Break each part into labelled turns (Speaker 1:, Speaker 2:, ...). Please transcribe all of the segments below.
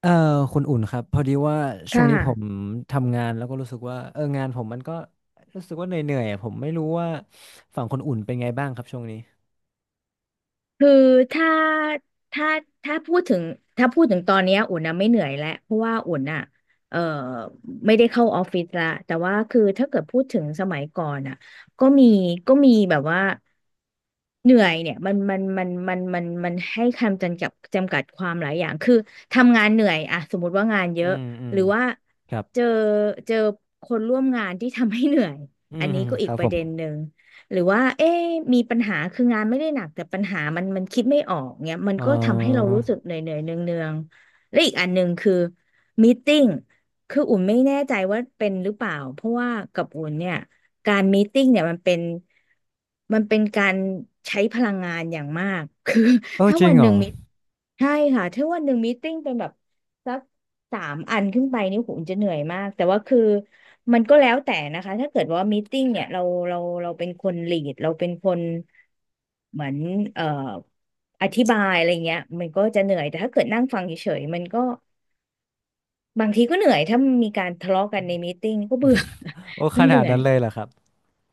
Speaker 1: เอ่อคุณอุ่นครับพอดีว่า
Speaker 2: ค
Speaker 1: ช่วงนี้ผม
Speaker 2: ่ะ
Speaker 1: ทำงานแล้วก็รู้สึกว่างานผมมันก็รู้สึกว่าเหนื่อยๆอะผมไม่รู้ว่าฝั่งคนอุ่นเป็นไงบ้างครับช่วงนี้
Speaker 2: คือถ้าถ้าถ้าพูดถึงถ้าพูดถึงตอนเนี้ยอุ่นนะไม่เหนื่อยแล้วเพราะว่าอุ่นอ่ะเอ่อไม่ได้เข้าออฟฟิศละแต่ว่าคือถ้าเกิดพูดถึงสมัยก่อนอ่ะก็มีก็มีแบบว่าเหนื่อยเนี่ยมันให้คำจำกัดความหลายอย่างคือทำงานเหนื่อยอะสมมติว่างานเย
Speaker 1: อื
Speaker 2: อะ
Speaker 1: มอื
Speaker 2: ห
Speaker 1: ม
Speaker 2: รือว่า
Speaker 1: ครับ
Speaker 2: เจอเจอคนร่วมงานที่ทำให้เหนื่อย
Speaker 1: อื
Speaker 2: อัน
Speaker 1: ม
Speaker 2: นี้ก็
Speaker 1: ค
Speaker 2: อีก
Speaker 1: รับ
Speaker 2: ป
Speaker 1: ผ
Speaker 2: ระ
Speaker 1: ม
Speaker 2: เด็นหนึ่ง หรือว่าเอ๊ะมีปัญหาคืองานไม่ได้หนักแต่ปัญหามันคิดไม่ออกเงี้ยมัน
Speaker 1: เอ
Speaker 2: ก็ทำให้เรา
Speaker 1: อ
Speaker 2: รู้สึกเหนื่อยเนืองเนืองๆและอีกอันหนึ่งคือมีตติ้งคืออุ่นไม่แน่ใจว่าเป็นหรือเปล่าเพราะว่ากับอุ่นเนี่ย การมีตติ้งเนี่ยมันเป็นการใช้พลังงานอย่างมาก คือ
Speaker 1: โอ้
Speaker 2: ถ้า
Speaker 1: จริ
Speaker 2: วั
Speaker 1: ง
Speaker 2: น
Speaker 1: เห
Speaker 2: ห
Speaker 1: ร
Speaker 2: นึ่
Speaker 1: อ
Speaker 2: งมีใช่ค่ะถ้าวันหนึ่งมีตติ้งเป็นแบบสักสามอันขึ้นไปนี่ผมจะเหนื่อยมากแต่ว่าคือมันก็แล้วแต่นะคะถ้าเกิดว่ามีตติ้งเนี่ยเราเราเป็นคนลีดเราเป็นคนเหมือนเอ่ออธิบายอะไรเงี้ยมันก็จะเหนื่อยแต่ถ้าเกิดนั่งฟังเฉยๆมันก็บางทีก็เหนื่อยถ้ามีการทะเลาะกันในมีตติ้งก็เบื่อ
Speaker 1: โอ้ ข
Speaker 2: ก็เห
Speaker 1: นา
Speaker 2: นื่
Speaker 1: ด
Speaker 2: อ
Speaker 1: นั้
Speaker 2: ย
Speaker 1: นเลยเหรอครับ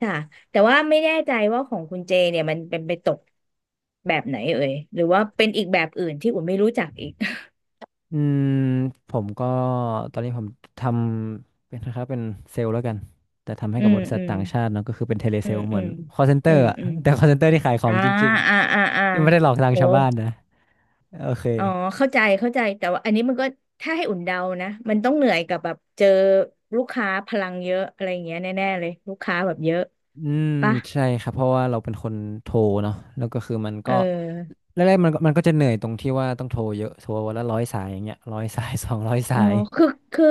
Speaker 2: ค่ะแต่ว่าไม่แน่ใจว่าของคุณเจเนี่ยมันเป็นไปตกแบบไหนเอ่ยหรือว่าเป็นอีกแบบอื่นที่อุ่นไม่รู้จักอีก
Speaker 1: อืมผมก็ตอนนี้ผมทำเป็นนะครับเป็นเซลล์แล้วกันแต่ทำให้
Speaker 2: อื
Speaker 1: กับบ
Speaker 2: ม
Speaker 1: ริษั
Speaker 2: อื
Speaker 1: ท
Speaker 2: ม
Speaker 1: ต่างชาติเนอะก็คือเป็นเทเลเซ
Speaker 2: อื
Speaker 1: ล
Speaker 2: ม
Speaker 1: ล์เห
Speaker 2: อื
Speaker 1: มือน
Speaker 2: ม
Speaker 1: call
Speaker 2: อื
Speaker 1: center
Speaker 2: ม
Speaker 1: อะ
Speaker 2: อืม
Speaker 1: แต่ call center ที่ขายของ
Speaker 2: อ่า
Speaker 1: จริง
Speaker 2: อ่าอ่าอ่า
Speaker 1: ๆที่ไม่ได้หลอกลวง
Speaker 2: โอ้
Speaker 1: ชาวบ้านนะโอเค
Speaker 2: อ๋อเข้าใจเข้าใจ แต่ว่าอันนี้มันก็ถ้าให้อุ่นเดานะมันต้องเหนื่อยกับแบบเจอลูกค้าพลังเยอะอะไรอย่างเงี้ยแน่ๆเลยลูกค้าแบบเยอะ
Speaker 1: อืม
Speaker 2: ปะ
Speaker 1: ใช่ครับเพราะว่าเราเป็นคนโทรเนาะแล้วก็คือมัน
Speaker 2: เอ
Speaker 1: ก็
Speaker 2: อ
Speaker 1: แรกๆมันก็จะเหนื่อยตรงที่ว่าต้องโทรเยอะโทรวันละร้อยสายอย่างเงี้ยร้อยสาย สองร้อยสา
Speaker 2: อ๋อ
Speaker 1: ย
Speaker 2: คือคือ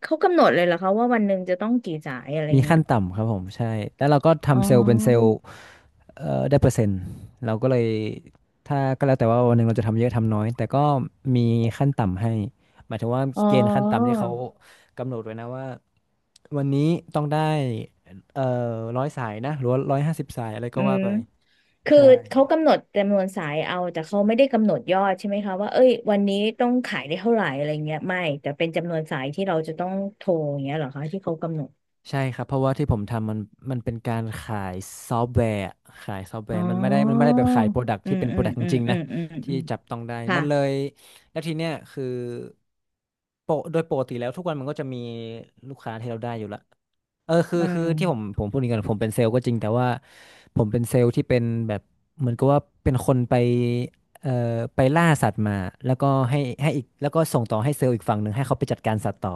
Speaker 2: เขากำหนดเลยเหรอคะว่าวันหนึ่งจะต้องกี่สายอะไร
Speaker 1: มี
Speaker 2: เงี้
Speaker 1: ขั้
Speaker 2: ย
Speaker 1: นต่ำครับผมใช่แล้วเราก็
Speaker 2: อ๋
Speaker 1: ทำเซลล์เป็นเซลล์
Speaker 2: อ
Speaker 1: ได้เปอร์เซ็นต์เราก็เลยถ้าก็แล้วแต่ว่าวันหนึ่งเราจะทำเยอะทำน้อยแต่ก็มีขั้นต่ำให้หมายถึงว่า
Speaker 2: อ๋
Speaker 1: เกณฑ์ขั้นต่ำ
Speaker 2: อ
Speaker 1: ที่เขากำหนดไว้นะว่าวันนี้ต้องได้เอ่อร้อยสายนะหรือว่าร้อยห้าสิบสายอะไรก็
Speaker 2: อื
Speaker 1: ว่า
Speaker 2: ม
Speaker 1: ไป
Speaker 2: คือ
Speaker 1: ใช่
Speaker 2: เขากำหนดจำนวนสายเอาแต่เขาไม่ได้กำหนดยอดใช่ไหมคะว่าเอ้ยวันนี้ต้องขายได้เท่าไหร่อะไรเงี้ยไม่แต่เป็นจำนวนสายที่เราจะต้องโทรอย่างเงี้ยเหรอคะที่เขากำหนด
Speaker 1: ใช่ครับเพราะว่าที่ผมทำมันเป็นการขายซอฟต์แวร์อะขายซอฟต์แว
Speaker 2: อ๋
Speaker 1: ร์มันไม่ได้มันไม่
Speaker 2: อ
Speaker 1: ได้แบบขายโปรดัก
Speaker 2: อื
Speaker 1: ที่
Speaker 2: ม
Speaker 1: เป็นโป
Speaker 2: อื
Speaker 1: ร
Speaker 2: ม
Speaker 1: ดักจ
Speaker 2: อืม
Speaker 1: ริงๆ
Speaker 2: อื
Speaker 1: นะ
Speaker 2: มอืมอื
Speaker 1: ที่
Speaker 2: ม
Speaker 1: จับต้องได้
Speaker 2: ค่ะ
Speaker 1: มันเลยแล้วทีเนี้ยคือโปรโดยปกติแล้วทุกวันมันก็จะมีลูกค้าที่เราได้อยู่ละเออคือ
Speaker 2: อื
Speaker 1: คือ
Speaker 2: ม
Speaker 1: ที่ผมพูดอย่างนี้ก่อนผมเป็นเซลล์ก็จริงแต่ว่าผมเป็นเซลล์ที่เป็นแบบเหมือนกับว่าเป็นคนไปเอ่อไปล่าสัตว์มาแล้วก็ให้อีกแล้วก็ส่งต่อให้เซลล์อีกฝั่งหนึ่งให้เขาไปจัดการสัตว์ต่อ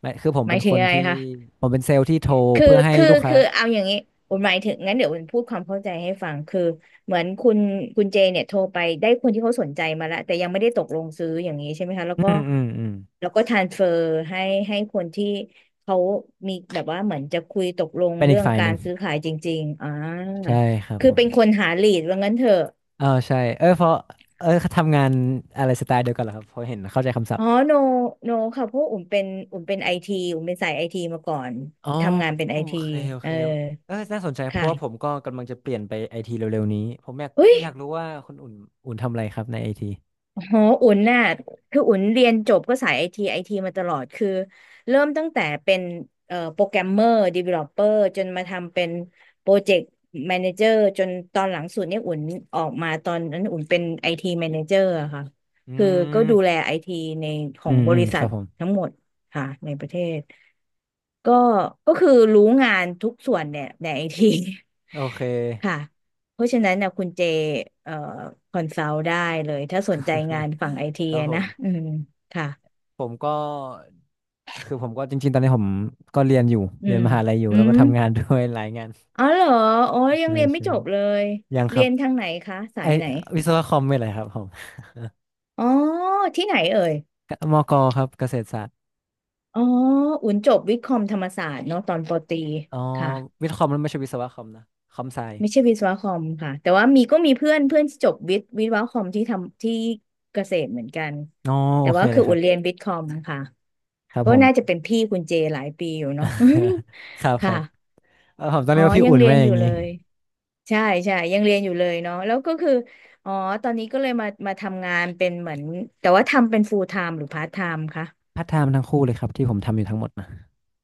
Speaker 1: ไม่คือผม
Speaker 2: หมา
Speaker 1: เป็
Speaker 2: ย
Speaker 1: น
Speaker 2: ถึ
Speaker 1: ค
Speaker 2: ง
Speaker 1: น
Speaker 2: ยังไง
Speaker 1: ที่
Speaker 2: คะ
Speaker 1: ผมเป็นเซลล์ที่โทร
Speaker 2: คือ
Speaker 1: เพื่อให้
Speaker 2: คือ
Speaker 1: ลูกค้า
Speaker 2: คือเอาอย่างนี้ผมหมายถึงงั้นเดี๋ยวผมพูดความเข้าใจให้ฟังคือเหมือนคุณเจเนี่ยโทรไปได้คนที่เขาสนใจมาแล้วแต่ยังไม่ได้ตกลงซื้ออย่างนี้ใช่ไหมคะแล้ว
Speaker 1: อื
Speaker 2: ก็
Speaker 1: มอืมอืม
Speaker 2: แล้วก็ทรานเฟอร์ให้ให้คนที่เขามีแบบว่าเหมือนจะคุยตกลง
Speaker 1: เป็นอี
Speaker 2: เรื่
Speaker 1: ก
Speaker 2: อง
Speaker 1: ฝ่ายห
Speaker 2: กา
Speaker 1: นึ่
Speaker 2: ร
Speaker 1: ง
Speaker 2: ซื้อขายจริงๆอ่า
Speaker 1: ใช่ครับ
Speaker 2: คือ
Speaker 1: ผม
Speaker 2: เป็นคนหาลีดว่างั้นเถอะ
Speaker 1: เออใช่เออเพราะเออทำงานอะไรสไตล์เดียวกันเหรอครับพอเห็นเข้าใจคำศัพ
Speaker 2: อ๋อ
Speaker 1: ท์
Speaker 2: โนโนค่ะเพราะอุ่มเป็นไอทีอุ่มเป็นสายไอทีมาก่อน
Speaker 1: อ๋อ
Speaker 2: ทำงานเป็น
Speaker 1: โอ
Speaker 2: ไอที
Speaker 1: เคโอ
Speaker 2: เอ
Speaker 1: เค
Speaker 2: อ
Speaker 1: เออน่าสนใจเพราะว่าผม
Speaker 2: ค่ะ
Speaker 1: ก็กำลังจะเปลี่ยนไปไอทีเร็วๆนี้ผมอยาก
Speaker 2: เฮ้ย
Speaker 1: อยากรู้ว่าคุณอุ่นทำอะไรครับในไอที
Speaker 2: โหอุ่นน่ะคืออุ่นเรียนจบก็สายไอทีไอทีมาตลอด คือเริ่มตั้งแต่เป็นโปรแกรมเมอร์ดีเวลลอปเปอร์จนมาทำเป็นโปรเจกต์แมเนเจอร์จนตอนหลังสุดเนี่ยอุ่นออกมาตอนนั้นอุ่นเป็นไอทีแมเนเจอร์ค่ะ
Speaker 1: อื
Speaker 2: คือก็ดูแล
Speaker 1: ม
Speaker 2: ไอทีในของบริ
Speaker 1: ค
Speaker 2: ษั
Speaker 1: รั
Speaker 2: ท
Speaker 1: บผม
Speaker 2: ทั้งหมดค่ะในประเทศ ก็ก็คือรู้งานทุกส่วนเนี่ย ในไอที
Speaker 1: โอเค
Speaker 2: ค่ะเพราะฉะนั้นนะคุณเจเอ่อคอนซัลท์ได้เลยถ้าสนใจงานฝั่งไอที
Speaker 1: ครับผ
Speaker 2: นะ
Speaker 1: ม
Speaker 2: อืมค่ะ
Speaker 1: ผมก็คือผมก็จริงๆตอนนี้ผมก็เรียนอยู่
Speaker 2: อื
Speaker 1: เรียน
Speaker 2: ม
Speaker 1: มหาลัยอยู่
Speaker 2: อื
Speaker 1: แล้วก็
Speaker 2: ม
Speaker 1: ทำงานด้วย หลายงาน
Speaker 2: อ๋อเหรออ๋อยัง
Speaker 1: ใช่
Speaker 2: เรียนไม่
Speaker 1: ใช่
Speaker 2: จบเลย
Speaker 1: ยังค
Speaker 2: เรี
Speaker 1: รั
Speaker 2: ย
Speaker 1: บ
Speaker 2: นทางไหนคะสา
Speaker 1: ไอ
Speaker 2: ยไหน
Speaker 1: วิศวะคอมเป็นอะไรครับผม
Speaker 2: อ๋อที่ไหนเอ่ย
Speaker 1: มกครับเกษตรศาสตร์
Speaker 2: อ๋ออุ่นจบวิทย์คอมธรรมศาสตร์เนาะตอนปอตรี
Speaker 1: อ๋อ
Speaker 2: ค่ะ
Speaker 1: วิทย์คอมมันไม่ใช่วิศวะคอมนะคอมไซ
Speaker 2: ไม่ใช่วิศวะคอมค่ะแต่ว่ามีก็มีเพื่อนเพื่อนที่จบวิศวะคอมที่ทำที่เกษตรเหมือนกัน
Speaker 1: อ๋อโอ
Speaker 2: แต่
Speaker 1: เค
Speaker 2: ว่า
Speaker 1: เล
Speaker 2: คือ
Speaker 1: ยครั
Speaker 2: อุ่นเรี
Speaker 1: บ
Speaker 2: ยนวิทย์คอมค่ะ
Speaker 1: ครับ
Speaker 2: ก็
Speaker 1: ผม
Speaker 2: น่าจะเป็นพี่คุณเจหลายปีอยู่เนาะ
Speaker 1: ครับ ครับ
Speaker 2: ค่ะ
Speaker 1: ผมต้อง
Speaker 2: อ๋อ
Speaker 1: เรียกว่าพี่
Speaker 2: ยัง
Speaker 1: อุ่น
Speaker 2: เรีย
Speaker 1: ไว้
Speaker 2: น
Speaker 1: อ
Speaker 2: อ
Speaker 1: ย่า
Speaker 2: ยู่
Speaker 1: ง
Speaker 2: เล
Speaker 1: นี้
Speaker 2: ยใช่ใช่ยังเรียนอยู่เลยเนาะแล้วก็คืออ๋อตอนนี้ก็เลยมามาทำงานเป็นเหมือนแต่ว่าทำเป็น full time หรือ part time คะ
Speaker 1: พัฒนาร์ทไทม์ทั้งคู่เลยครับที่ผมทำอยู่ทั้งหมดนะ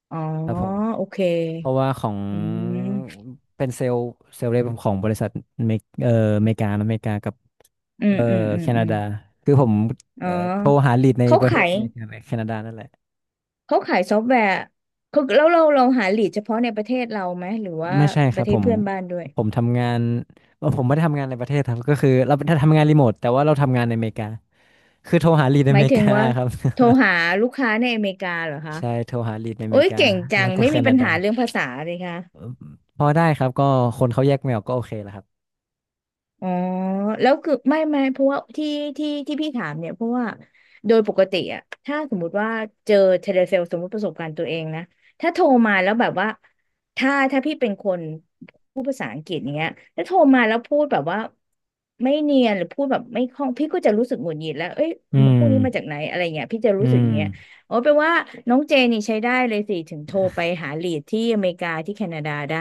Speaker 2: อ๋อ
Speaker 1: ครับผม
Speaker 2: โอเค
Speaker 1: เพราะว่าของ
Speaker 2: อืม
Speaker 1: เป็นเซลล์เซลล์เรปของบริษัทเมกอเมริกานะอเมริกากับ
Speaker 2: อืม
Speaker 1: เอ่อ
Speaker 2: อืมอื
Speaker 1: แค
Speaker 2: มอื
Speaker 1: นา
Speaker 2: ม
Speaker 1: ดาคือผม
Speaker 2: อ๋อ
Speaker 1: โทรหาลีดใน
Speaker 2: เขา
Speaker 1: ประเท
Speaker 2: ขา
Speaker 1: ศ
Speaker 2: ย
Speaker 1: อเมริกาและแคนาดานั่นแหละ
Speaker 2: เขาขายซอฟต์แวร์เขาแล้วเราหาลีดเฉพาะในประเทศเราไหมหรือว่า
Speaker 1: ไม่ใช่ค
Speaker 2: ป
Speaker 1: รั
Speaker 2: ระ
Speaker 1: บ
Speaker 2: เท
Speaker 1: ผ
Speaker 2: ศ
Speaker 1: ม
Speaker 2: เพื่อนบ้านด้วย
Speaker 1: ผมทำงานผมไม่ได้ทำงานในประเทศครับก็คือเราถ้าทำงานรีโมทแต่ว่าเราทำงานในอเมริกาคือโทรหาลีดใน
Speaker 2: ห
Speaker 1: อ
Speaker 2: มาย
Speaker 1: เมริ
Speaker 2: ถึ
Speaker 1: กา
Speaker 2: งว่า
Speaker 1: ครับ
Speaker 2: โทรหาลูกค้าในอเมริกาเหรอ คะ
Speaker 1: ใช่โทรหาลีดในอ
Speaker 2: โอ้
Speaker 1: เม
Speaker 2: ย
Speaker 1: ริกา
Speaker 2: เก่งจั
Speaker 1: แล้
Speaker 2: ง
Speaker 1: วก็
Speaker 2: ไม่
Speaker 1: แค
Speaker 2: มีปั
Speaker 1: นา
Speaker 2: ญ
Speaker 1: ดา
Speaker 2: หาเรื่องภาษาเลยค่ะ
Speaker 1: เอ่อพอได้ครับก็คนเขาแยกไม่ออกก็โอเคแหละครับ
Speaker 2: อ๋อแล้วคือไม่ไม่เพราะว่าที่ที่พี่ถามเนี่ยเพราะว่าโดยปกติอะถ้าสมมุติว่าเจอเทเลเซลสมมติประสบการณ์ตัวเองนะถ้าโทรมาแล้วแบบว่าถ้าพี่เป็นคนพูดภาษาอังกฤษอย่างเงี้ยแล้วโทรมาแล้วพูดแบบว่าไม่เนียนหรือพูดแบบไม่คล่องพี่ก็จะรู้สึกหงุดหงิดแล้วเอ้ย
Speaker 1: อืม
Speaker 2: พวกนี้มาจากไหนอะไรเงี้ยพี่จะ
Speaker 1: อื
Speaker 2: รู้สึกอ
Speaker 1: ม
Speaker 2: ย่างเงี้ยอ๋อแปลว่าน้องเจนี่ใช้ได้เลยสิถึงโทรไปหาลีดที่อเมริกาที่แคนาดาได้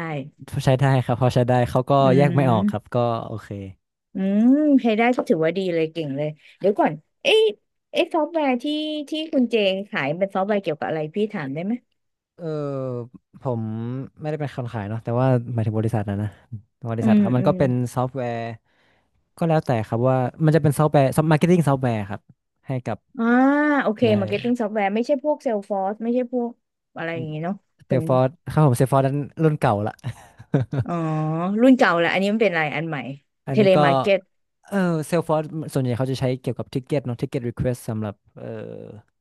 Speaker 1: ใช้ได้ครับพอใช้ได้เขาก็
Speaker 2: อื
Speaker 1: แยกไม่ออกครับ
Speaker 2: ม
Speaker 1: ก็โอเค
Speaker 2: อืมใช้ได้ก็ถือว่าดีเลยเก่งเลย เดี๋ยวก่อนเอ๊ะเอ๊ะซอฟต์แวร์ที่ที่คุณเจขายเป็นซอฟต์แวร์เกี่ยวกับอะไรพี่ถามได้ไหม
Speaker 1: เออผมไม่ได้เป็นคนขายเนาะแต่ว่าหมายถึงบริษัทนะนะบริ
Speaker 2: อื
Speaker 1: ษัท
Speaker 2: ม
Speaker 1: ครับมัน
Speaker 2: อื
Speaker 1: ก็
Speaker 2: ม
Speaker 1: เป็นซอฟต์แวร์ก็แล้วแต่ครับว่ามันจะเป็นซอฟต์แวร์ซอฟต์มาร์เก็ตติ้งซอฟต์แวร์ครับให้กับ
Speaker 2: อ่าโอเค
Speaker 1: ใช
Speaker 2: มาร์เก็ตติ้ง
Speaker 1: ่
Speaker 2: ซอฟต์แวร์ไม่ใช่พวกเซลฟอร์สไม่ใช่พวกอะไรอย่างงี้เนาะ
Speaker 1: เซ
Speaker 2: เป็
Speaker 1: ล
Speaker 2: น
Speaker 1: ฟอร์ครับผมเซลฟอร์นั้นรุ่นเก่าละ
Speaker 2: อ๋อรุ่นเก่าแหละอันนี้มันเป็นอะไรอันใหม่
Speaker 1: อัน
Speaker 2: เท
Speaker 1: นี้
Speaker 2: เล
Speaker 1: ก็
Speaker 2: มาร์เก็ต
Speaker 1: เออเซลฟอร์ส่วนใหญ่เขาจะใช้เกี่ยวกับทิกเก็ตเนาะทิกเก็ตรีเควสสำหรับ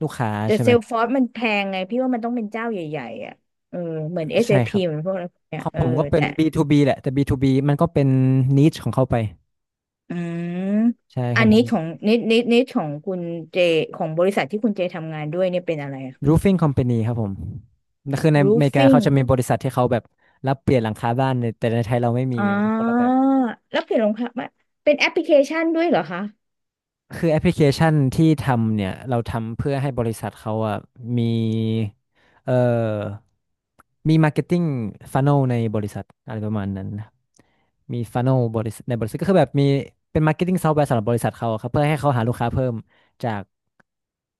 Speaker 1: ลูกค้า
Speaker 2: แต่
Speaker 1: ใช่
Speaker 2: เซ
Speaker 1: ไหม
Speaker 2: ลฟอร์สมันแพงไงพี่ว่ามันต้องเป็นเจ้าใหญ่ๆอ่ะเออเหมือน
Speaker 1: ใช่ค
Speaker 2: SAP
Speaker 1: รับ
Speaker 2: เอพีเหมือนพวกอะไรพวกเนี้
Speaker 1: ข
Speaker 2: ย
Speaker 1: อง
Speaker 2: เออ
Speaker 1: ผมก็เป็น
Speaker 2: แต่
Speaker 1: B2B แหละแต่ B2B มันก็เป็นนิชของเขาไป
Speaker 2: อืม
Speaker 1: ใช่ข
Speaker 2: อั
Speaker 1: อ
Speaker 2: น
Speaker 1: งผ
Speaker 2: นี้
Speaker 1: ม
Speaker 2: ของนิดของคุณเจของบริษัทที่คุณเจทำงานด้วยเนี่ยเป็นอะไรอะ
Speaker 1: roofing company ครับผมคือในอเมริกาเขาจะ
Speaker 2: roofing
Speaker 1: มีบริษัทที่เขาแบบรับเปลี่ยนหลังคาบ้านเนี่ยแต่ในไทยเราไม่มี
Speaker 2: อ๋อ
Speaker 1: มันคนละแบ
Speaker 2: า
Speaker 1: บ
Speaker 2: แล้วเปลี่ยนรองเท้ามาเป็นแอปพลิเคชันด้วยเหรอคะ
Speaker 1: คือแอปพลิเคชันที่ทำเนี่ยเราทำเพื่อให้บริษัทเขาอ่ะมีเอ่อมี marketing funnel ในบริษัทอะไรประมาณนั้นนะมี funnel บริษัทในบริษัทก็คือแบบมีเป็น marketing software สำหรับบริษัทเขาอะครับเพื่อให้เขาหาลูกค้าเพิ่มจาก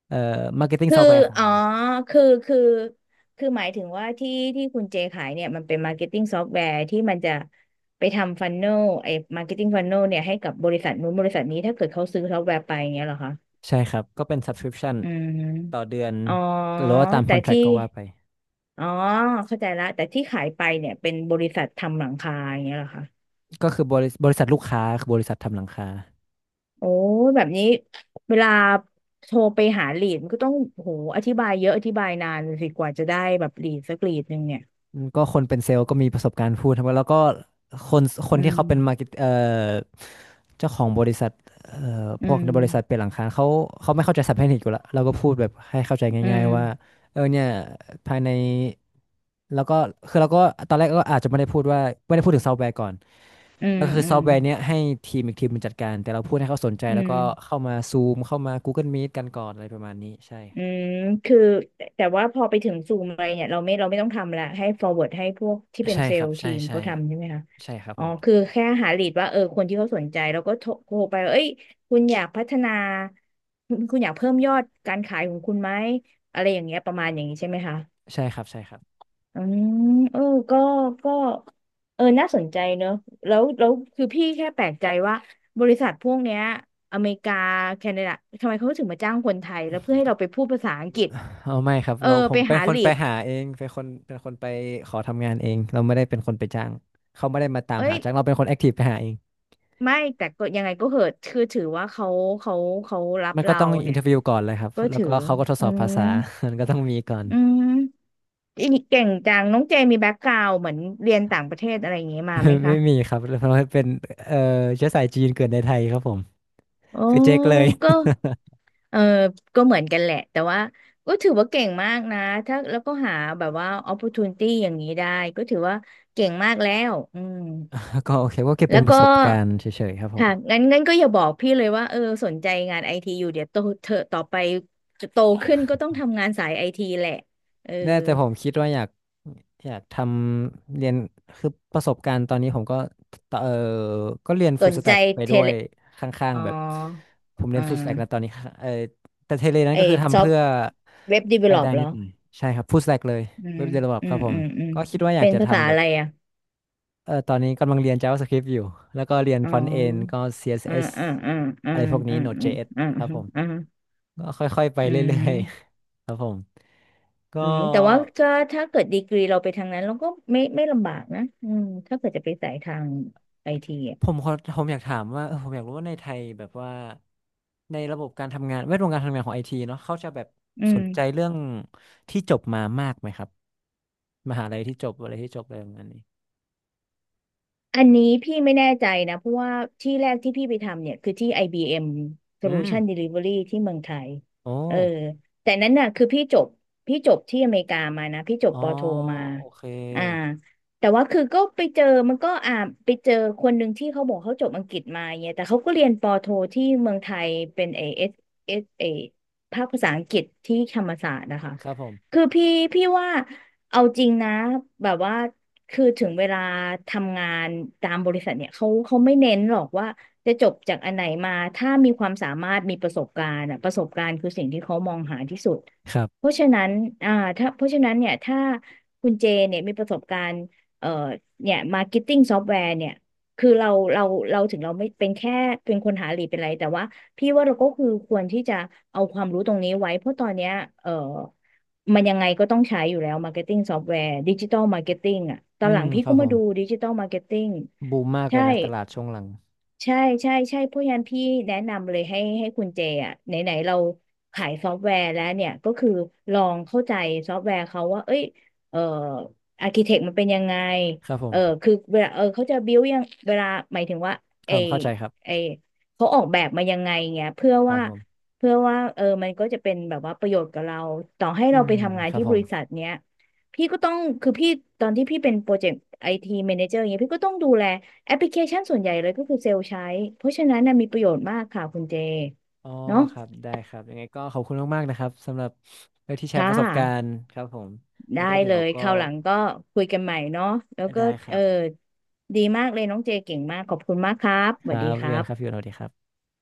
Speaker 1: marketing
Speaker 2: คือ
Speaker 1: software ของ
Speaker 2: อ๋อ
Speaker 1: เรา
Speaker 2: คือคือหมายถึงว่าที่ที่คุณเจขายเนี่ยมันเป็นมาร์เก็ตติ้งซอฟต์แวร์ที่มันจะไปทำฟันเนลไอ้มาร์เก็ตติ้งฟันเนลเนี่ยให้กับบริษัทนู้นบริษัทนี้ถ้าเกิดเขาซื้อซอฟต์แวร์ไปอย่างเงี้ยเหรอคะ
Speaker 1: ใช่ครับก็เป็น subscription
Speaker 2: อืม
Speaker 1: ต่อเดือน
Speaker 2: อ๋อ
Speaker 1: หรือว่าตาม
Speaker 2: แต่ที่
Speaker 1: contract ก็ว่าไป
Speaker 2: อ๋อเข้าใจแล้วแต่ที่ขายไปเนี่ยเป็นบริษัททำหลังคาอย่างเงี้ยเหรอคะ
Speaker 1: ก็คือบริษัทลูกค้าคือบริษัททำหลังคา
Speaker 2: โอ้ยแบบนี้เวลาโทรไปหาลีดมันก็ต้องโหอธิบายเยอะอธิบายนานสิกว่าจะได้แบบลีดสักลีดหนึ่งเนี่ย
Speaker 1: อืมก็คนเป็นเซลล์ก็มีประสบการณ์พูดทั้งหมดแล้วก็คนคน
Speaker 2: อื
Speaker 1: ที่เขาเป็นมาร์
Speaker 2: ม
Speaker 1: เก็ตเจ้าของบริษัทเอ่พ
Speaker 2: อื
Speaker 1: วก
Speaker 2: ม
Speaker 1: ในบริษัทเป็นหลังคาเขาเขาไม่เข้าใจศัพท์เทคนิคอยู่แล้วเราก็พูดแบบให้เข้าใจ
Speaker 2: อื
Speaker 1: ง่าย
Speaker 2: ม
Speaker 1: ๆว่าเออเนี่ยภายในแล้วก็คือเราก็ตอนแรกก็อาจจะไม่ได้พูดว่าไม่ได้พูดถึงซอฟต์แวร์ก่อน
Speaker 2: อืม
Speaker 1: ก็คือ
Speaker 2: อื
Speaker 1: ซ
Speaker 2: ม
Speaker 1: อฟต์แวร์เนี้ยให้ทีมอีกทีมมันจัดการแต่เราพูดให้เขาสนใจ
Speaker 2: อื
Speaker 1: แล้ว
Speaker 2: ม
Speaker 1: ก็เข้ามาซูมเข้ามา Google Meet กันก่อนอะไรประมาณนี้ใช่
Speaker 2: อืมคือแต่ว่าพอไปถึงซูมอะไรเนี่ยเราไม่ต้องทำละให้ forward ให้พวกที่เป็น
Speaker 1: ใช่
Speaker 2: เซล
Speaker 1: ครับ
Speaker 2: ล์
Speaker 1: ใช่
Speaker 2: ทีม
Speaker 1: ใช่
Speaker 2: เขาทำใช่ไหมคะ
Speaker 1: ใช่ครับ
Speaker 2: อ๋
Speaker 1: ผ
Speaker 2: อ
Speaker 1: ม
Speaker 2: คือแค่หาลีดว่าเออคนที่เขาสนใจแล้วก็โทรไปว่าเอ้ยคุณอยากพัฒนาคุณอยากเพิ่มยอดการขายของคุณไหมอะไรอย่างเงี้ยประมาณอย่างนี้ใช่ไหมคะ
Speaker 1: ใช่ครับใช่ครับ
Speaker 2: อืมเออก็ก็เออน่าสนใจเนอะแล้วคือพี่แค่แปลกใจว่าบริษัทพวกเนี้ยอเมริกาแคนาดาทำไมเขาถึงมาจ้างคนไทยแล้วเพื่อให้เราไปพูดภาษาอังกฤษ
Speaker 1: เอาไม่ครับ
Speaker 2: เออ
Speaker 1: เราผ
Speaker 2: ไป
Speaker 1: มเป็น
Speaker 2: หา
Speaker 1: คน
Speaker 2: ลี
Speaker 1: ไป
Speaker 2: ด
Speaker 1: หาเองเป็นคนไปขอทำงานเองเราไม่ได้เป็นคนไปจ้างเขาไม่ได้มาตาม
Speaker 2: เอ้
Speaker 1: หา
Speaker 2: ย
Speaker 1: จ้างเราเป็นคนแอคทีฟไปหาเอง
Speaker 2: ไม่แต่ก็ยังไงก็เหอะคือถือว่าเขาเขารับ
Speaker 1: มันก็
Speaker 2: เรา
Speaker 1: ต้องอิน
Speaker 2: เนี่
Speaker 1: เท
Speaker 2: ย
Speaker 1: อร์วิวก่อนเลยครับ
Speaker 2: ก็
Speaker 1: แล้ว
Speaker 2: ถือ
Speaker 1: ก็เขาก็ทด
Speaker 2: อื
Speaker 1: สอบภา
Speaker 2: ม
Speaker 1: ษา มันก็ต้องมีก่อน
Speaker 2: อืมอีกเก่งจังน้องเจมีแบ็กกราวเหมือนเรียนต่างประเทศอะไรอย่างงี้มาไหม
Speaker 1: ไม่
Speaker 2: คะ
Speaker 1: มีครับเพราะว่าเป็นเอ่อเชื้อสายจีนเกิดในไทยครับผม
Speaker 2: โอ้
Speaker 1: คือเจ๊กเลย
Speaker 2: ก็ เออ ก็เหมือนกันแหละ แต่ว่าก็ถือว่าเก่งมากนะ ถ้าแล้วก็หาแบบว่า opportunity อย่างนี้ได้ ก็ถือว่าเก่งมากแล้วอืม
Speaker 1: ก็โอเคก็เก็บ
Speaker 2: แล้
Speaker 1: เป็
Speaker 2: ว
Speaker 1: นป
Speaker 2: ก็
Speaker 1: ระสบการณ์เฉยๆครับผม
Speaker 2: ค่ะงั้นก็อย่าบอกพี่เลยว่า เออสนใจงานไอทีอยู่เดี๋ยวโตเธอต่อไปจะโตขึ้นก็ต้องทำงานสายไอทีแหละ เออ
Speaker 1: ได้แต่ผมคิดว่าอยากอยากเรียนคือประสบการณ์ตอนนี้ผมก็ตเออก็เรียน
Speaker 2: ส
Speaker 1: ฟู l
Speaker 2: น
Speaker 1: ส
Speaker 2: ใจ
Speaker 1: แต็กไป
Speaker 2: เท
Speaker 1: ด้ว
Speaker 2: เล
Speaker 1: ยข้าง
Speaker 2: อ๋อ
Speaker 1: ๆแบบผมเรี
Speaker 2: อ่
Speaker 1: ยนฟู l สแต็กนะตอ
Speaker 2: า
Speaker 1: นนี้ค่ะเออแต่เทเลนั้น
Speaker 2: ไอ
Speaker 1: ก็คือ
Speaker 2: ซ
Speaker 1: ทำ
Speaker 2: อฟ
Speaker 1: เพื่อ
Speaker 2: เว็บดีเวล
Speaker 1: รา
Speaker 2: ล
Speaker 1: ย
Speaker 2: อป
Speaker 1: ได้
Speaker 2: เหร
Speaker 1: นิ
Speaker 2: อ
Speaker 1: ดหน่อยใช่ครับฟู l สแต็กเลย
Speaker 2: อื
Speaker 1: เว็
Speaker 2: ม
Speaker 1: บเดเวลลอ
Speaker 2: อื
Speaker 1: ครั
Speaker 2: ม
Speaker 1: บผ
Speaker 2: อื
Speaker 1: ม
Speaker 2: มอืม
Speaker 1: ก็คิดว่าอยาก
Speaker 2: เป็น
Speaker 1: จะ
Speaker 2: ภาษา
Speaker 1: ทำแบ
Speaker 2: อะ
Speaker 1: บ
Speaker 2: ไรอ่ะ
Speaker 1: เออตอนนี้กำลังเรียน JavaScript อยู่แล้วก็เรียน
Speaker 2: อ๋
Speaker 1: Front End ก็
Speaker 2: อ อ่า
Speaker 1: CSS อส
Speaker 2: อ่า
Speaker 1: เอส
Speaker 2: อ่าอ่า
Speaker 1: อะไรพวกนี้
Speaker 2: อ่า
Speaker 1: Node.js
Speaker 2: อ่าอ่า
Speaker 1: ครับผม
Speaker 2: อ่า
Speaker 1: ก็ค่อยๆไป
Speaker 2: อื
Speaker 1: เรื่อย
Speaker 2: ม
Speaker 1: ๆ ครับผมก็
Speaker 2: อืมแต่ว่าก็ถ้าเกิดดีกรีเราไปทางนั้นเราก็ไม่ลำบากนะอืมถ้าเกิดจะไปสายทางไอทีอ่ะ
Speaker 1: ผมขอผมอยากถามว่าเออผมอยากรู้ว่าในไทยแบบว่าในระบบการทำงานแวดวงการทำงานของไอทีเนาะเขาจะแบบ
Speaker 2: อื
Speaker 1: ส
Speaker 2: ม
Speaker 1: นใจเรื่องที่จบมามากไหมครับมหาลัยที่จบอะไรที่จบอะไรประมาณนี้
Speaker 2: อันนี้พี่ไม่แน่ใจนะเพราะว่าที่แรกที่พี่ไปทำเนี่ยคือที่ IBM
Speaker 1: อืม
Speaker 2: Solution Delivery ที่เมืองไทย
Speaker 1: โอ
Speaker 2: เออ
Speaker 1: ้
Speaker 2: แต่นั้นน่ะคือพี่จบที่อเมริกามานะพี่จบ
Speaker 1: อ๋อ
Speaker 2: ปอโทมา
Speaker 1: โอเค
Speaker 2: อ่าแต่ว่าคือก็ไปเจอมันก็อ่าไปเจอคนหนึ่งที่เขาบอกเขาจบอังกฤษมาเนี่ยแต่เขาก็เรียนปอโทที่เมืองไทยเป็นเอเอสเอสเอภาคภาษาอังกฤษที่ธรรมศาสตร์นะคะ
Speaker 1: ครับผม
Speaker 2: คือพี่ว่าเอาจริงนะแบบว่า คือถึงเวลาทำงานตามบริษัทเนี่ยเขาไม่เน้นหรอกว่าจะจบจากอันไหนมาถ้ามีความสามารถมีประสบการณ์อะประสบการณ์คือสิ่งที่เขามองหาที่สุด
Speaker 1: ครั
Speaker 2: เพ
Speaker 1: บ
Speaker 2: ราะฉะนั้นอ่าถ้าเพราะฉะนั้นเนี่ยถ้าคุณเจเนี่ยมีประสบการณ์เอ่อเนี่ยมาร์เก็ตติ้งซอฟต์แวร์เนี่ยคือเราเราถึงเราไม่เป็นแค่เป็นคนหาลีดเป็นไรแต่ว่าพี่ว่าเราก็คือควรที่จะเอาความรู้ตรงนี้ไว้เพราะตอนเนี้ยเอ่อ มันยังไงก็ต้องใช้อยู่แล้วมาร์เก็ตติ้งซอฟต์แวร์ดิจิตัลมาร์เก็ตติ้งอ่ะตอ
Speaker 1: อื
Speaker 2: นหลั
Speaker 1: ม
Speaker 2: งพี่
Speaker 1: ครั
Speaker 2: ก็
Speaker 1: บผ
Speaker 2: มา
Speaker 1: ม
Speaker 2: ดูดิจิตัลมาร์เก็ตติ้ง
Speaker 1: บูมมากเล
Speaker 2: ใช่
Speaker 1: ยนะตลาดช่วงหลัง
Speaker 2: ใช่ใช่เพราะงั้นพี่แนะนำเลยให้คุณเจอ่ะไหนไหนเราขายซอฟต์แวร์แล้วเนี่ยก็คือลองเข้าใจซอฟต์แวร์เขาว่าเอ้ยเอ่ออาร์คิเทคมันเป็นยังไง
Speaker 1: ครับผ
Speaker 2: เออ
Speaker 1: ม
Speaker 2: คือเวลาเออเขาจะบิวยังเวลาหมายถึงว่า
Speaker 1: ค
Speaker 2: ไอ
Speaker 1: รับผมเข้าใจครับ
Speaker 2: ไอเขาออกแบบมายังไงเงี้ยเพื่อ
Speaker 1: ครับ
Speaker 2: ว่า
Speaker 1: ผม
Speaker 2: เพื่อว่าเออมันก็จะเป็นแบบว่าประโยชน์กับเราต่อให้
Speaker 1: อื
Speaker 2: เรา
Speaker 1: ม
Speaker 2: ไปทำงา
Speaker 1: ค
Speaker 2: น
Speaker 1: รับ
Speaker 2: ที่
Speaker 1: ผ
Speaker 2: บ
Speaker 1: ม
Speaker 2: ริษัทเนี้ยพี่ก็ต้องคือพี่ตอนที่พี่เป็นโปรเจกต์ไอทีแมเนเจอร์เงี้ยพี่ก็ต้องดูแล แอปพลิเคชันส่วนใหญ่เลยก็คือเซลล์ใช้เพราะฉะนั้นนะมีประโยชน์มากค่ะคุณเจ
Speaker 1: อ๋อ
Speaker 2: เนาะ
Speaker 1: ครับได้ครับยังไงก็ขอบคุณมากๆนะครับสำหรับที่แชร์
Speaker 2: ค่ะ
Speaker 1: ประสบการณ์ครับผมงั้
Speaker 2: ได้
Speaker 1: นก็เดี๋
Speaker 2: เล
Speaker 1: ยว
Speaker 2: ย
Speaker 1: ก็
Speaker 2: คราวหลังก็คุยกันใหม่เนาะแล้วก็
Speaker 1: ได้ค
Speaker 2: เอ
Speaker 1: รั
Speaker 2: อ
Speaker 1: บ
Speaker 2: ดีมากเลยน้องเจเก่งมากขอบคุณมากครับส
Speaker 1: ค
Speaker 2: วั
Speaker 1: รั
Speaker 2: สดี
Speaker 1: บ
Speaker 2: ครั
Speaker 1: เรียนครับพี่
Speaker 2: บ
Speaker 1: โอตสวัสดีครับ